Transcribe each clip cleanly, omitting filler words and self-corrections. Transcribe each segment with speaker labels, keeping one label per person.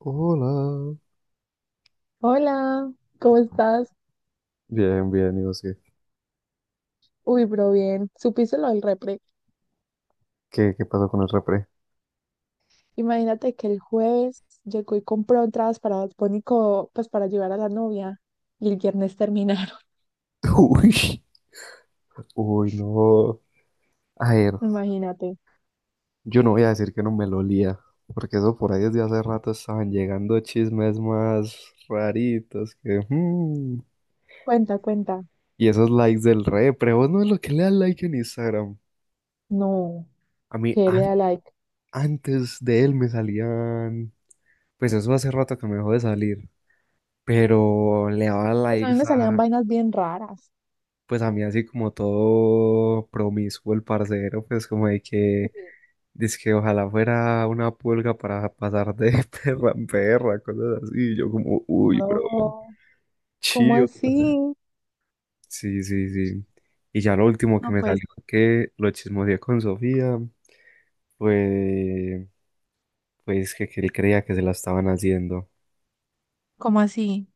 Speaker 1: Hola.
Speaker 2: Hola, ¿cómo estás?
Speaker 1: Bien, bien, digo, sí.
Speaker 2: Uy, bro, bien. ¿Supiste lo del repre?
Speaker 1: ¿Qué pasó con el repre?
Speaker 2: Imagínate que el jueves llegó y compró entradas para Bad Bunny pues para llevar a la novia y el viernes terminaron.
Speaker 1: Uy, uy, no. A ver,
Speaker 2: Imagínate.
Speaker 1: yo no voy a decir que no me lo olía, porque eso por ahí desde hace rato estaban llegando chismes más raritos que...
Speaker 2: Cuenta, cuenta.
Speaker 1: Y esos likes del repre, vos no es lo que le das like en Instagram.
Speaker 2: No,
Speaker 1: A mí,
Speaker 2: que le da like.
Speaker 1: antes de él me salían... Pues eso hace rato que me dejó de salir, pero le daba
Speaker 2: Pues a mí
Speaker 1: likes
Speaker 2: me salían vainas bien raras.
Speaker 1: pues a mí así como todo promiscuo el parcero, pues como de que,
Speaker 2: Uy,
Speaker 1: dice que ojalá fuera una pulga para pasar de perra en perra, cosas así, y yo como, uy, bro,
Speaker 2: bro, ¿cómo
Speaker 1: chido.
Speaker 2: así?
Speaker 1: Sí, sí, sí. Y ya lo último que
Speaker 2: No,
Speaker 1: me
Speaker 2: pues,
Speaker 1: salió que lo chismoseé con Sofía fue pues que él creía que se la estaban haciendo.
Speaker 2: ¿cómo así?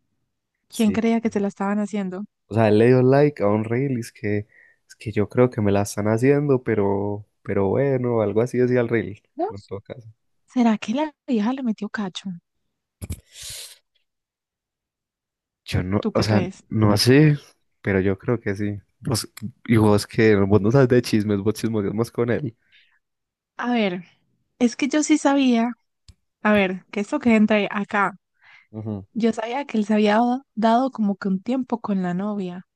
Speaker 2: ¿Quién
Speaker 1: Sí.
Speaker 2: creía que se la estaban haciendo?
Speaker 1: O sea, él le dio like a un reel y es que yo creo que me la están haciendo, pero bueno, algo así decía el reel.
Speaker 2: ¿No?
Speaker 1: No toca.
Speaker 2: ¿Será que la vieja le metió cacho?
Speaker 1: Yo no,
Speaker 2: ¿Tú
Speaker 1: o
Speaker 2: qué
Speaker 1: sea,
Speaker 2: crees?
Speaker 1: no sé, pero yo creo que sí. Vos, y vos que vos no sabes de chismes, vos chismoseas más con él.
Speaker 2: A ver, es que yo sí sabía. A ver, que esto que entra acá.
Speaker 1: Ujú.
Speaker 2: Yo sabía que él se había dado como que un tiempo con la novia,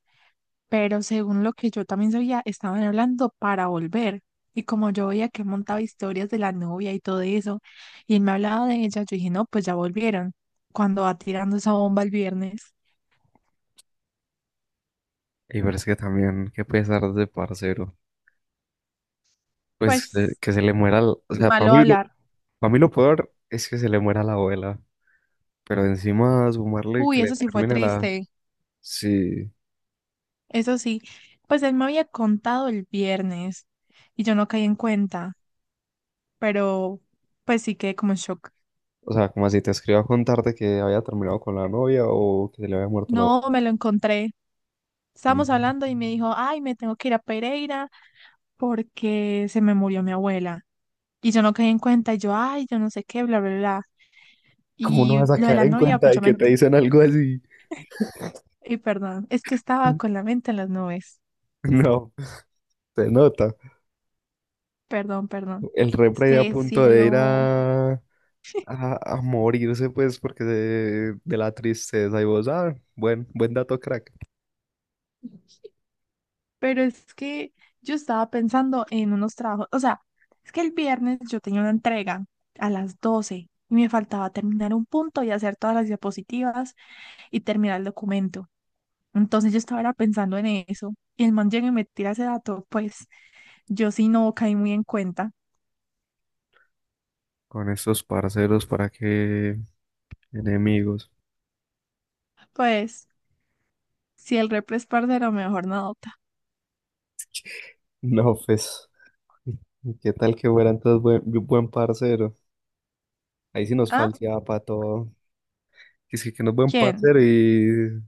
Speaker 2: pero según lo que yo también sabía, estaban hablando para volver. Y como yo veía que él montaba historias de la novia y todo eso, y él me hablaba de ella, yo dije, no, pues ya volvieron. Cuando va tirando esa bomba el viernes,
Speaker 1: Y pero que también, qué pesar de parcero. Pues
Speaker 2: pues
Speaker 1: que se le muera, o sea,
Speaker 2: malo hablar.
Speaker 1: para mí lo peor es que se le muera la abuela. Pero encima sumarle
Speaker 2: Uy,
Speaker 1: que le
Speaker 2: eso sí fue
Speaker 1: termine la...
Speaker 2: triste.
Speaker 1: Sí,
Speaker 2: Eso sí, pues él me había contado el viernes y yo no caí en cuenta, pero pues sí quedé como en shock.
Speaker 1: o sea, como así te escriba a contarte que había terminado con la novia o que se le había muerto la
Speaker 2: No,
Speaker 1: abuela.
Speaker 2: me lo encontré. Estábamos
Speaker 1: Mm.
Speaker 2: hablando y me dijo, ay, me tengo que ir a Pereira porque se me murió mi abuela. Y yo no caí en cuenta, y yo, ay, yo no sé qué, bla, bla, bla.
Speaker 1: ¿Cómo no
Speaker 2: Y
Speaker 1: vas a
Speaker 2: lo de
Speaker 1: caer
Speaker 2: la
Speaker 1: en
Speaker 2: novia,
Speaker 1: cuenta
Speaker 2: pues
Speaker 1: de
Speaker 2: yo me...
Speaker 1: que te dicen algo así?
Speaker 2: Y perdón, es que estaba con la mente en las nubes.
Speaker 1: No, se nota.
Speaker 2: Perdón, perdón.
Speaker 1: El
Speaker 2: Es
Speaker 1: repre a
Speaker 2: que
Speaker 1: punto de ir
Speaker 2: cielo.
Speaker 1: a morirse, pues, porque de la tristeza. Y vos, ah, buen, buen dato, crack.
Speaker 2: Pero es que yo estaba pensando en unos trabajos. O sea, es que el viernes yo tenía una entrega a las 12 y me faltaba terminar un punto y hacer todas las diapositivas y terminar el documento. Entonces yo estaba era pensando en eso y el man llega y me tira ese dato, pues yo sí no caí muy en cuenta.
Speaker 1: Con estos parceros, ¿para qué enemigos?
Speaker 2: Pues si el repre es parcero, mejor no nota.
Speaker 1: No, pues, ¿qué tal que fuera entonces buen, buen parcero? Ahí sí nos
Speaker 2: ¿Ah?
Speaker 1: falseaba para todo. Y sí que no es buen
Speaker 2: ¿Quién?
Speaker 1: parcero y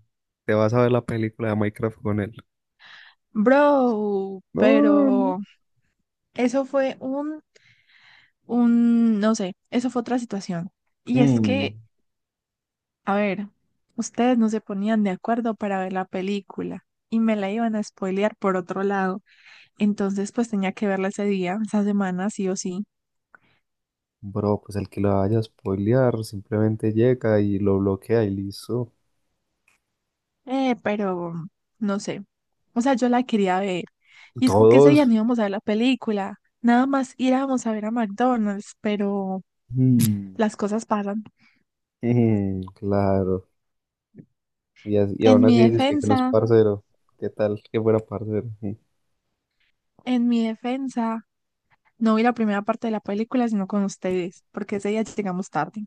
Speaker 1: te vas a ver la película de Minecraft con él.
Speaker 2: Bro,
Speaker 1: No, no.
Speaker 2: pero eso fue no sé, eso fue otra situación. Y es
Speaker 1: Mm,
Speaker 2: que, a ver, ustedes no se ponían de acuerdo para ver la película y me la iban a spoilear por otro lado. Entonces pues tenía que verla ese día, esa semana, sí o sí.
Speaker 1: bro, pues el que lo vaya a spoilear simplemente llega y lo bloquea y listo.
Speaker 2: Pero no sé. O sea, yo la quería ver. Y es que ese día
Speaker 1: Todos.
Speaker 2: no íbamos a ver la película. Nada más íbamos a ver a McDonald's, pero
Speaker 1: Mm,
Speaker 2: las cosas pasan.
Speaker 1: claro. Y, y
Speaker 2: En
Speaker 1: aún
Speaker 2: mi
Speaker 1: así dices que no es
Speaker 2: defensa,
Speaker 1: parcero. ¿Qué tal que fuera parcero?
Speaker 2: en mi defensa, no vi la primera parte de la película, sino con ustedes, porque ese día llegamos tarde.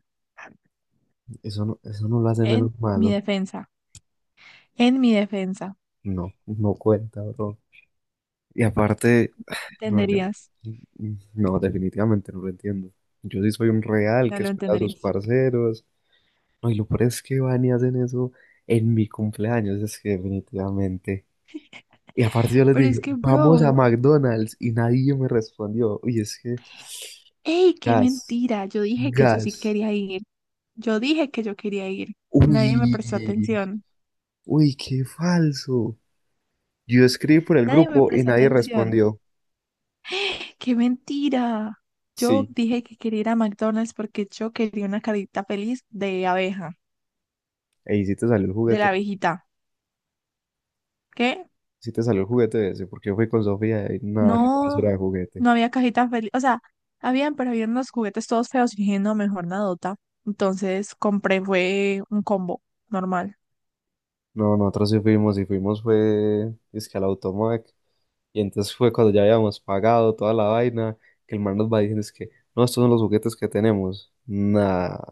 Speaker 1: Eso no lo hace
Speaker 2: En
Speaker 1: menos
Speaker 2: mi
Speaker 1: malo.
Speaker 2: defensa, en mi defensa.
Speaker 1: No, no cuenta, bro. Y aparte,
Speaker 2: ¿Me
Speaker 1: no, yo,
Speaker 2: entenderías?
Speaker 1: no, definitivamente no lo entiendo. Yo sí soy un real
Speaker 2: No
Speaker 1: que
Speaker 2: lo
Speaker 1: espera a sus
Speaker 2: entenderías.
Speaker 1: parceros. No, y lo peor es que van y hacen eso en mi cumpleaños, es que definitivamente. Y aparte yo les
Speaker 2: Pero es
Speaker 1: dije,
Speaker 2: que,
Speaker 1: vamos
Speaker 2: bro,
Speaker 1: a McDonald's y nadie me respondió. Uy, es que,
Speaker 2: ¡ey, qué
Speaker 1: gas.
Speaker 2: mentira! Yo dije que yo sí
Speaker 1: Gas.
Speaker 2: quería ir. Yo dije que yo quería ir. Nadie me
Speaker 1: Uy,
Speaker 2: prestó atención.
Speaker 1: uy, qué falso. Yo escribí por el
Speaker 2: Nadie me
Speaker 1: grupo y
Speaker 2: presta
Speaker 1: nadie
Speaker 2: atención.
Speaker 1: respondió.
Speaker 2: ¡Qué mentira! Yo
Speaker 1: Sí,
Speaker 2: dije que quería ir a McDonald's porque yo quería una cajita feliz de abeja,
Speaker 1: ahí sí te salió el
Speaker 2: de
Speaker 1: juguete.
Speaker 2: la abejita. ¿Qué?
Speaker 1: Sí te salió el juguete ese, porque yo fui con Sofía y
Speaker 2: Mm.
Speaker 1: nada, qué basura
Speaker 2: No,
Speaker 1: de juguete.
Speaker 2: no había cajitas feliz. O sea, habían, pero habían unos juguetes todos feos y dije, no, mejor nadota. Entonces compré, fue un combo normal.
Speaker 1: No, nosotros sí fuimos y fuimos fue, es que al Automac. Y entonces fue cuando ya habíamos pagado toda la vaina, que el man nos va diciendo es que, no, estos son los juguetes que tenemos. Nada,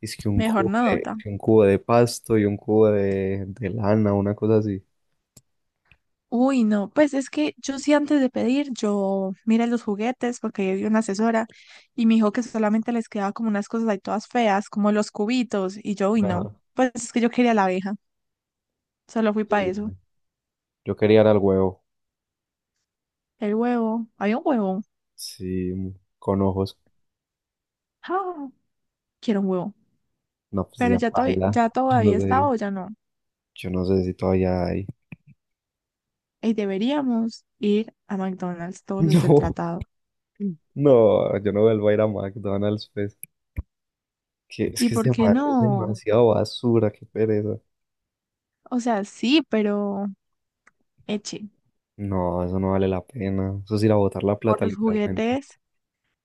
Speaker 1: es que un
Speaker 2: Mejor
Speaker 1: cubo de,
Speaker 2: nadota.
Speaker 1: que un cubo de pasto y un cubo de lana, una cosa así.
Speaker 2: Uy, no, pues es que yo sí antes de pedir, yo miré los juguetes porque yo vi una asesora y me dijo que solamente les quedaba como unas cosas ahí todas feas, como los cubitos, y yo, uy,
Speaker 1: Ajá.
Speaker 2: no, pues es que yo quería la abeja, solo fui para
Speaker 1: Sí.
Speaker 2: eso.
Speaker 1: Yo quería era el huevo,
Speaker 2: El huevo, había un huevo,
Speaker 1: sí, con ojos.
Speaker 2: ah, quiero un huevo,
Speaker 1: No, pues
Speaker 2: pero
Speaker 1: ya
Speaker 2: ya,
Speaker 1: baila. Yo
Speaker 2: todavía
Speaker 1: no
Speaker 2: está
Speaker 1: sé,
Speaker 2: o ya no.
Speaker 1: yo no sé si todavía hay.
Speaker 2: Y deberíamos ir a McDonald's todos los del
Speaker 1: No,
Speaker 2: tratado.
Speaker 1: no, yo no vuelvo a ir a McDonald's, pues.
Speaker 2: ¿Y
Speaker 1: Que es,
Speaker 2: por qué
Speaker 1: es
Speaker 2: no?
Speaker 1: demasiado basura, qué pereza.
Speaker 2: O sea, sí, pero eche,
Speaker 1: No, eso no vale la pena. Eso es ir a botar la
Speaker 2: por
Speaker 1: plata,
Speaker 2: los
Speaker 1: literalmente.
Speaker 2: juguetes,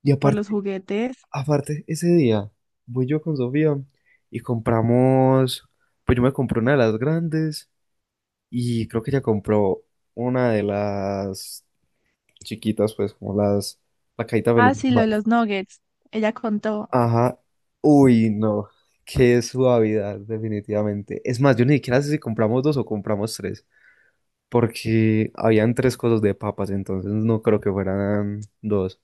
Speaker 1: Y
Speaker 2: por los
Speaker 1: aparte,
Speaker 2: juguetes.
Speaker 1: aparte, ese día voy yo con Sofía y compramos. Pues yo me compré una de las grandes y creo que ella compró una de las chiquitas, pues como las, la cajita
Speaker 2: Ah,
Speaker 1: feliz. Del
Speaker 2: sí, lo
Speaker 1: mar.
Speaker 2: de los nuggets. Ella contó.
Speaker 1: Ajá. Uy, no. Qué suavidad, definitivamente. Es más, yo ni siquiera sé si compramos dos o compramos tres, porque habían tres cosas de papas, entonces no creo que fueran dos.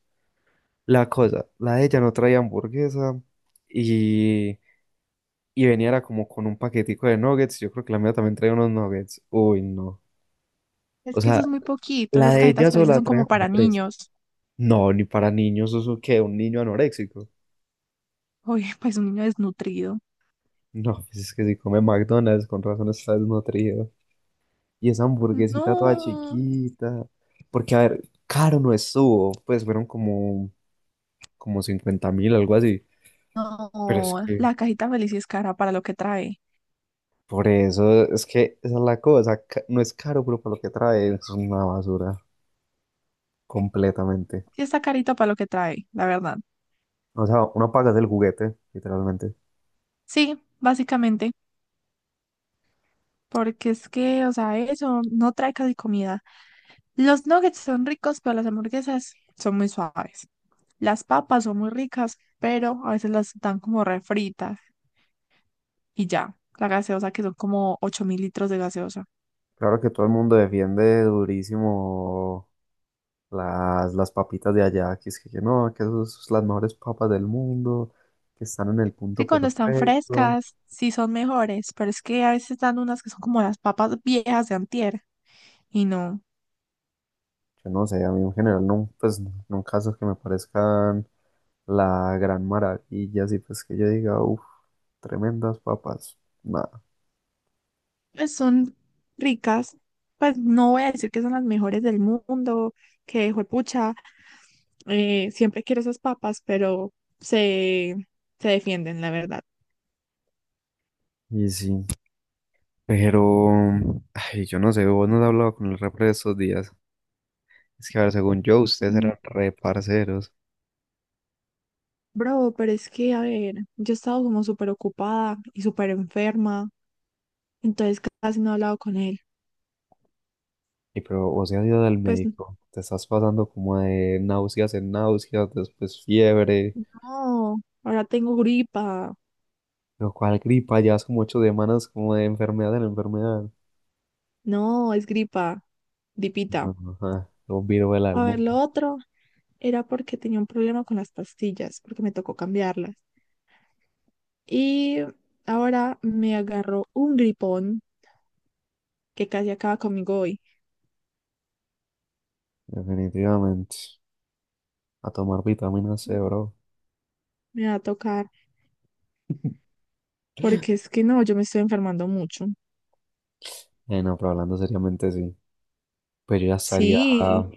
Speaker 1: La cosa, la de ella no traía hamburguesa y, y venía era como con un paquetico de nuggets. Yo creo que la mía también traía unos nuggets. Uy, no.
Speaker 2: Es
Speaker 1: O
Speaker 2: que eso
Speaker 1: sea,
Speaker 2: es muy poquito.
Speaker 1: la
Speaker 2: Esas
Speaker 1: de ella
Speaker 2: cajitas felices
Speaker 1: sola
Speaker 2: son
Speaker 1: traía
Speaker 2: como
Speaker 1: como
Speaker 2: para
Speaker 1: tres.
Speaker 2: niños.
Speaker 1: No, ni para niños, eso que un niño anoréxico.
Speaker 2: Oye, pues un niño desnutrido.
Speaker 1: No, pues es que si come McDonald's, con razón está desnutrido. Y esa hamburguesita toda
Speaker 2: No,
Speaker 1: chiquita. Porque, a ver, caro no estuvo. Pues fueron como, como 50.000, algo así. Pero es
Speaker 2: no.
Speaker 1: que,
Speaker 2: La cajita feliz sí es cara para lo que trae.
Speaker 1: por eso, es que esa es la cosa. No es caro, pero por lo que trae es una basura. Completamente.
Speaker 2: Sí está carito para lo que trae, la verdad.
Speaker 1: O sea, uno paga el juguete, literalmente.
Speaker 2: Sí, básicamente. Porque es que, o sea, eso no trae casi comida. Los nuggets son ricos, pero las hamburguesas son muy suaves. Las papas son muy ricas, pero a veces las dan como refritas. Y ya. La gaseosa, que son como 8.000 litros de gaseosa.
Speaker 1: Claro que todo el mundo defiende durísimo las papitas de allá, que es que no, que esas son las mejores papas del mundo, que están en el
Speaker 2: Sí,
Speaker 1: punto
Speaker 2: cuando están
Speaker 1: perfecto.
Speaker 2: frescas, sí son mejores, pero es que a veces dan unas que son como las papas viejas de antier. Y no,
Speaker 1: Yo no sé, a mí en general no, pues no casos que me parezcan la gran maravilla, así pues que yo diga, uff, tremendas papas, nada.
Speaker 2: pues son ricas. Pues no voy a decir que son las mejores del mundo, que juepucha, siempre quiero esas papas, pero se, se defienden, la verdad.
Speaker 1: Y sí, pero, ay, yo no sé, vos no has hablado con el repre de estos días. Es que, a ver, según yo, ustedes
Speaker 2: Mm,
Speaker 1: eran re parceros.
Speaker 2: bro, pero es que, a ver, yo he estado como súper ocupada y súper enferma, entonces casi no he hablado con él.
Speaker 1: Y pero vos has ido al
Speaker 2: Pues
Speaker 1: médico, te estás pasando como de náuseas en náuseas, después fiebre,
Speaker 2: no, ahora tengo gripa.
Speaker 1: lo cual gripa, llevas como 8 semanas como de enfermedad en enfermedad.
Speaker 2: No, es gripa. Gripita.
Speaker 1: No, no, ajá, un virus del
Speaker 2: A
Speaker 1: alma,
Speaker 2: ver, lo otro era porque tenía un problema con las pastillas, porque me tocó cambiarlas. Y ahora me agarró un gripón que casi acaba conmigo hoy.
Speaker 1: definitivamente. A tomar vitamina C, bro.
Speaker 2: Me va a tocar, porque es que no, yo me estoy enfermando mucho.
Speaker 1: No, pero hablando seriamente, sí. Pues yo ya estaría
Speaker 2: Sí,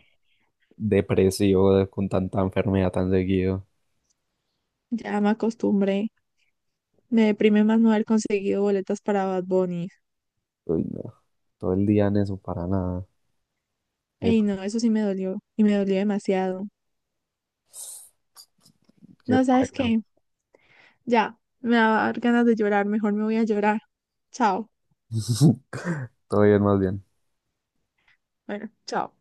Speaker 1: depresivo con tanta enfermedad tan seguido.
Speaker 2: ya me acostumbré. Me deprime más no haber conseguido boletas para Bad Bunny.
Speaker 1: Uy, no, todo el día en eso, para nada. Qué,
Speaker 2: Ey, no, eso sí me dolió, y me dolió demasiado.
Speaker 1: qué
Speaker 2: No, ¿sabes
Speaker 1: paila.
Speaker 2: qué? Ya, me va a dar ganas de llorar, mejor me voy a llorar. Chao.
Speaker 1: Todo bien, más bien.
Speaker 2: Bueno, chao.